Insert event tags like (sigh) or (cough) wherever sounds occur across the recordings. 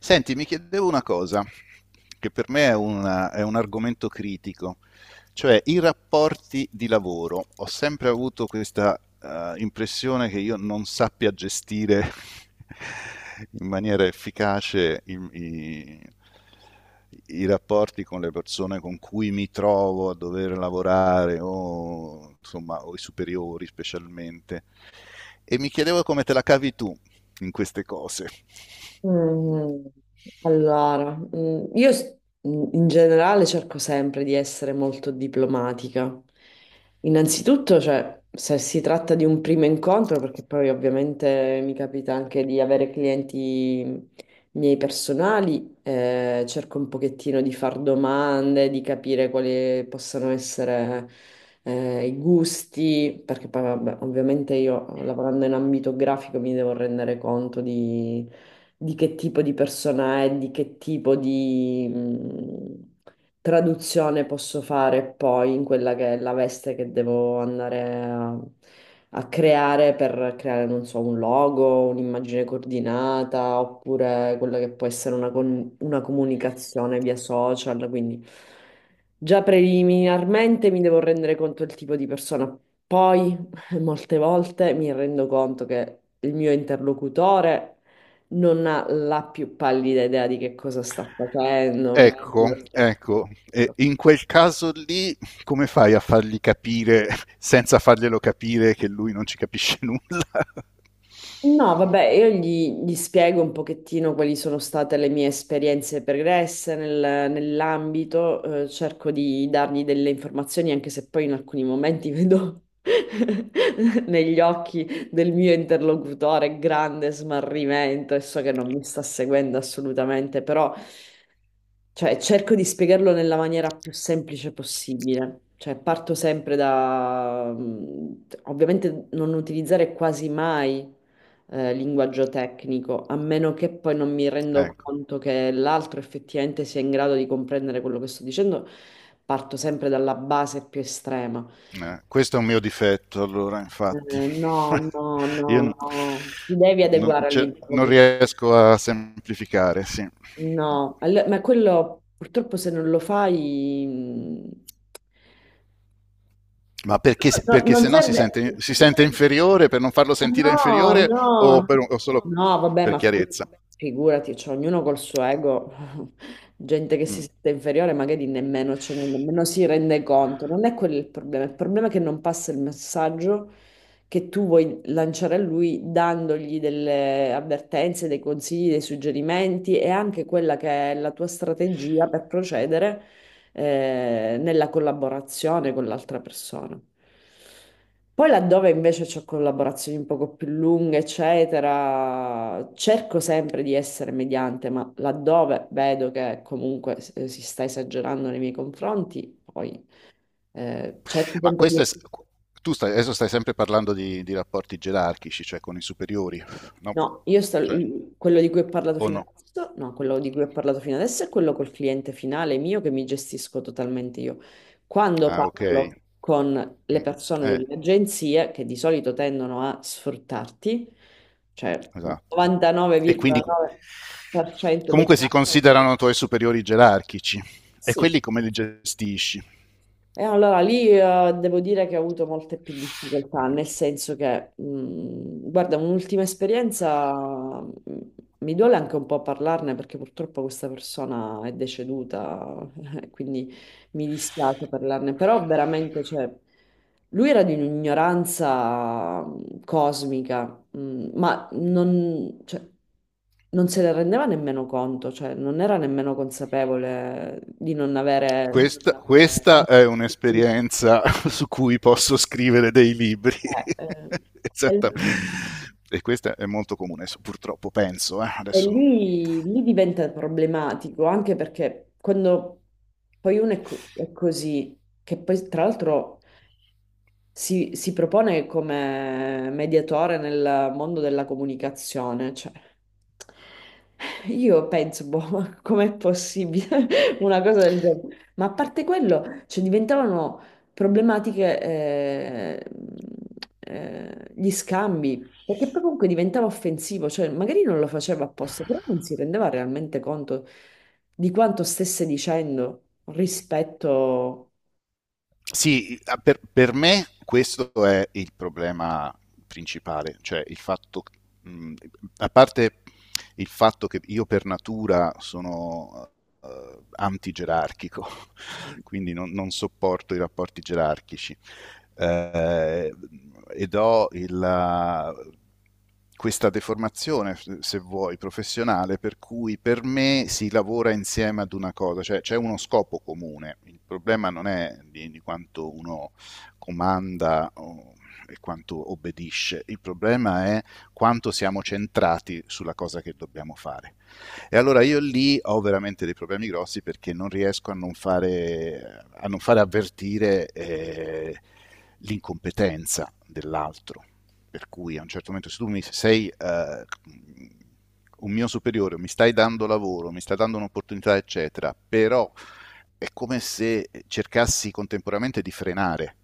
Senti, mi chiedevo una cosa, che per me è un argomento critico, cioè i rapporti di lavoro. Ho sempre avuto questa impressione che io non sappia gestire (laughs) in maniera efficace i rapporti con le persone con cui mi trovo a dover lavorare o, insomma, o i superiori specialmente. E mi chiedevo come te la cavi tu in queste cose. Mm, Allora, in generale cerco sempre di essere molto diplomatica. Innanzitutto, cioè, se si tratta di un primo incontro, perché poi ovviamente mi capita anche di avere clienti miei personali, cerco un pochettino di far domande, di capire quali possano essere, i gusti, perché poi, vabbè, ovviamente io lavorando in ambito grafico mi devo rendere conto di che tipo di persona è, di che tipo di traduzione posso fare poi in quella che è la veste che devo andare a creare per creare, non so, un logo, un'immagine coordinata, oppure quella che può essere una comunicazione via social, quindi già preliminarmente mi devo rendere conto del tipo di persona. Poi (laughs) molte volte mi rendo conto che il mio interlocutore non ha la più pallida idea di che cosa sta facendo, Ecco, mettendosi a ecco, conto. e in quel caso lì come fai a fargli capire, (laughs) senza farglielo capire, che lui non ci capisce nulla? (laughs) No, vabbè, io gli spiego un pochettino quali sono state le mie esperienze pregresse nell'ambito, cerco di dargli delle informazioni, anche se poi in alcuni momenti vedo (laughs) negli occhi del mio interlocutore grande smarrimento e so che non mi sta seguendo assolutamente, però. Cioè, cerco di spiegarlo nella maniera più semplice possibile. Cioè, parto sempre da... ovviamente non utilizzare quasi mai linguaggio tecnico, a meno che poi non mi rendo Ecco, conto che l'altro effettivamente sia in grado di comprendere quello che sto dicendo. Parto sempre dalla base più estrema. Questo è un mio difetto, allora, infatti. No, no, (laughs) no, Io no, ti devi adeguare cioè, non all'interlocutore. riesco a semplificare, sì. No, ma quello purtroppo se non lo fai... mh, Ma perché, No, no, perché non se no si serve. sente, si sente inferiore, per non farlo sentire No, inferiore no, o solo no, vabbè, per chiarezza? figurati, cioè, ognuno col suo ego, (laughs) gente che si Mm. sente inferiore, magari nemmeno, cioè, nemmeno si rende conto. Non è quello il problema. Il problema è che non passa il messaggio che tu vuoi lanciare a lui dandogli delle avvertenze, dei consigli, dei suggerimenti e anche quella che è la tua strategia per procedere nella collaborazione con l'altra persona. Poi laddove invece ho collaborazioni un poco più lunghe, eccetera, cerco sempre di essere mediante, ma laddove vedo che comunque si sta esagerando nei miei confronti, poi cerco Ma sempre questo di... è, adesso stai sempre parlando di rapporti gerarchici, cioè con i superiori, no? No, io sto, Cioè, quello di cui ho parlato o fino no? adesso, no, quello di cui ho parlato fino adesso è quello col cliente finale mio che mi gestisco totalmente io. Quando Ah, ok. parlo con le Mm. persone Eh, dell'agenzia, che di solito tendono a sfruttarti, cioè il esatto. E quindi 99,9% dei comunque si casi, considerano tuoi superiori gerarchici. E sì. quelli come li gestisci? E allora lì devo dire che ho avuto molte più difficoltà, Perché- nel senso che, guarda, un'ultima esperienza, mi duole anche un po' parlarne perché purtroppo questa persona è deceduta, (laughs) quindi mi dispiace parlarne, però veramente, cioè, lui era di un'ignoranza cosmica, ma non, cioè, non se ne rendeva nemmeno conto, cioè non era nemmeno consapevole di non avere... questa è (laughs) un'esperienza (laughs) su cui posso scrivere dei libri. Eh, eh, (laughs) e, Esattamente. E questa è molto comune, so, purtroppo penso. Eh? e Adesso non... lì diventa problematico anche perché quando poi è così, che poi tra l'altro si propone come mediatore nel mondo della comunicazione, cioè io penso, boh, (laughs) ma com'è possibile (laughs) una cosa del genere? Ma a parte quello, cioè, diventavano problematiche gli scambi, perché poi comunque diventava offensivo, cioè magari non lo faceva apposta, però non si rendeva realmente conto di quanto stesse dicendo rispetto... Sì, per me questo è il problema principale, cioè il fatto, mh, a parte il fatto che io per natura sono antigerarchico, (laughs) quindi non, non, sopporto i rapporti gerarchici eh, ed ho questa deformazione, se vuoi, professionale, per cui per me si lavora insieme ad una cosa, cioè c'è uno scopo comune. Il problema non è di quanto uno comanda e quanto obbedisce, il problema è quanto siamo centrati sulla cosa che dobbiamo fare. E allora io lì ho veramente dei problemi grossi perché non riesco a non fare, avvertire l'incompetenza dell'altro. Per cui a un certo momento se tu mi sei un mio superiore, mi stai dando lavoro, mi stai dando un'opportunità, eccetera, però è come se cercassi contemporaneamente di frenare.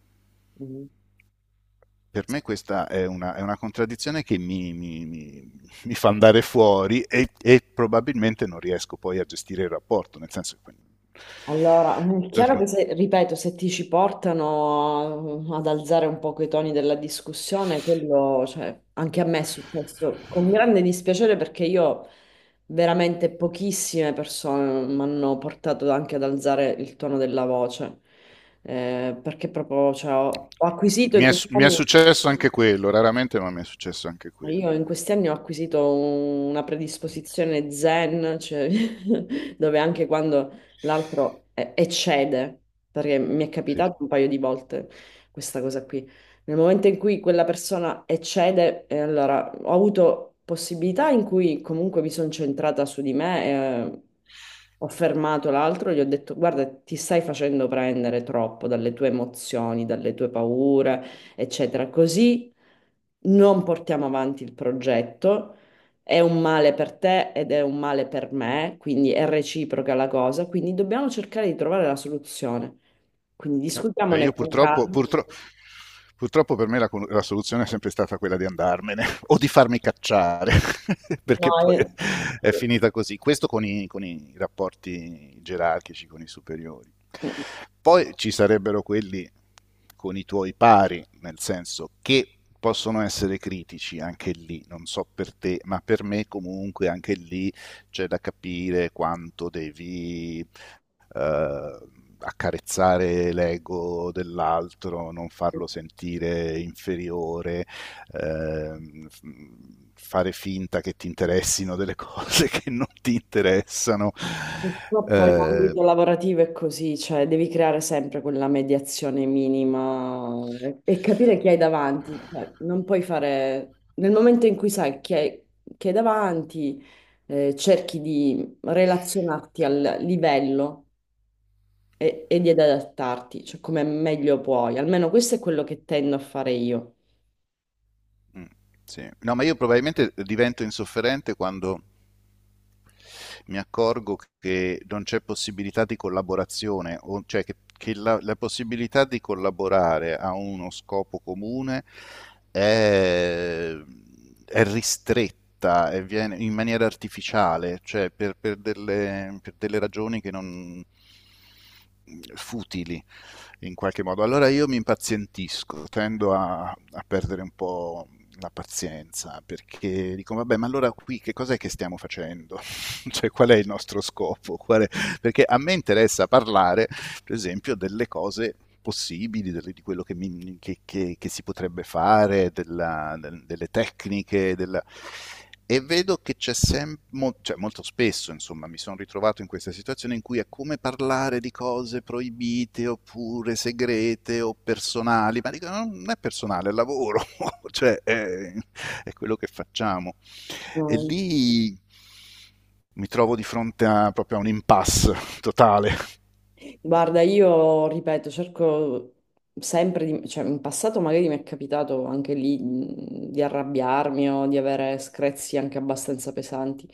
Per me questa è una contraddizione che mi fa andare fuori e probabilmente non riesco poi a gestire il rapporto, nel senso che... Allora, è Cioè, chiaro tipo, che se, ripeto, se ti ci portano ad alzare un poco i toni della discussione, quello, cioè, anche a me è successo con grande dispiacere perché io veramente pochissime persone mi hanno portato anche ad alzare il tono della voce. Perché proprio, cioè, ho acquisito Mi in è, questi mi è anni, successo anche quello, raramente, ma mi è successo anche io quello. in questi anni ho acquisito una predisposizione zen, cioè, (laughs) dove anche quando l'altro eccede, perché mi è Sì. capitato un paio di volte questa cosa qui, nel momento in cui quella persona eccede, allora ho avuto possibilità in cui comunque mi sono centrata su di me, eh, ho fermato l'altro, gli ho detto guarda, ti stai facendo prendere troppo dalle tue emozioni, dalle tue paure, eccetera, così non portiamo avanti il progetto, è un male per te ed è un male per me, quindi è reciproca la cosa, quindi dobbiamo cercare di trovare la soluzione. Quindi discutiamone Io con purtroppo, calma. purtro- purtroppo per me la soluzione è sempre stata quella di andarmene (laughs) o di farmi cacciare, (laughs) perché poi No, è finita così. Questo con i rapporti gerarchici, con i superiori. Poi ci sarebbero quelli con i tuoi pari, nel senso che possono essere critici anche lì, non so per te, ma per me comunque anche lì c'è da capire quanto devi eh, accarezzare l'ego dell'altro, non eh, farlo sentire inferiore, ehm, f- fare finta che ti interessino delle (laughs) cose che non ti interessano. purtroppo Eh, l'ambito lavorativo è così, cioè devi creare sempre quella mediazione minima e capire chi hai davanti. Cioè, non puoi fare... Nel momento in cui chi hai davanti, cerchi di relazionarti al livello e di adattarti, cioè come meglio puoi. Almeno questo è quello che tendo a fare io. mm, sì. No, ma io probabilmente divento insofferente quando mi accorgo che non c'è possibilità di collaborazione, cioè che la possibilità di collaborare a uno scopo comune è, è ristretta e viene in maniera artificiale, cioè per delle ragioni che non futili in qualche modo. Allora io mi impazientisco, tendo a perdere un po' la pazienza perché dico, vabbè, ma allora qui che cos'è che stiamo facendo? (laughs) Cioè, qual è il nostro scopo? Qual è... Perché a me interessa parlare, per esempio, delle cose possibili, di quello che, mi, che, si potrebbe fare, delle tecniche, della... E vedo che c'è sempre, cioè molto spesso insomma mi sono ritrovato in questa situazione in cui è come parlare di cose proibite oppure segrete o personali, ma dico no, non è personale, è lavoro, (laughs) cioè è quello che facciamo. E lì mi trovo di fronte proprio a un impasse totale. Guarda, io ripeto, cerco sempre di... cioè in passato magari mi è capitato anche lì di arrabbiarmi o di avere screzi anche abbastanza pesanti,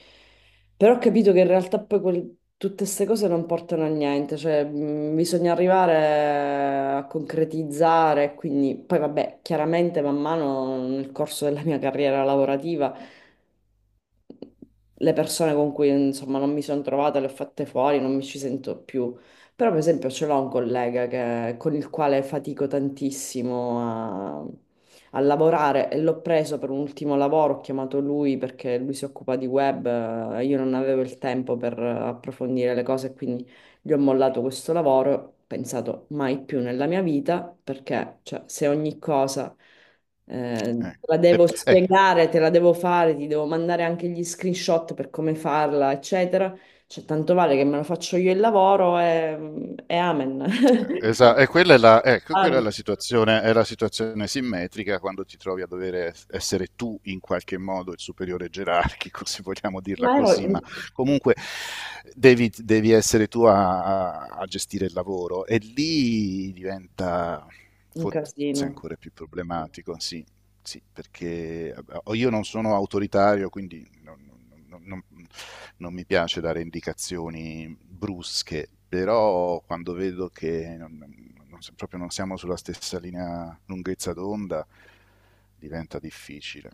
però ho capito che in realtà poi tutte queste cose non portano a niente, cioè bisogna arrivare a concretizzare, quindi poi vabbè, chiaramente man mano nel corso della mia carriera lavorativa le persone con cui insomma non mi sono trovata le ho fatte fuori, non mi ci sento più. Però, per esempio, ce l'ho un collega con il quale fatico tantissimo a lavorare e l'ho preso per un ultimo lavoro, ho chiamato lui perché lui si occupa di web, io non avevo il tempo per approfondire le cose, quindi gli ho mollato questo lavoro, ho pensato mai più nella mia vita, perché cioè, se ogni cosa Eh, te la eh, devo eh, spiegare, te la devo fare, ti devo mandare anche gli screenshot per come farla, eccetera. Cioè, tanto vale che me lo faccio io il lavoro e amen. (laughs) E quella è la, ecco, Ah, quella è la situazione simmetrica quando ti trovi a dover essere tu in qualche modo il superiore gerarchico, (laughs) se vogliamo Ma dirla ero così, ma in- comunque devi essere tu a gestire il lavoro e lì diventa un forse casino. ancora più problematico, sì. Sì, perché io non sono autoritario, quindi non mi piace dare indicazioni brusche, però quando vedo che proprio non siamo sulla stessa linea lunghezza d'onda, diventa difficile.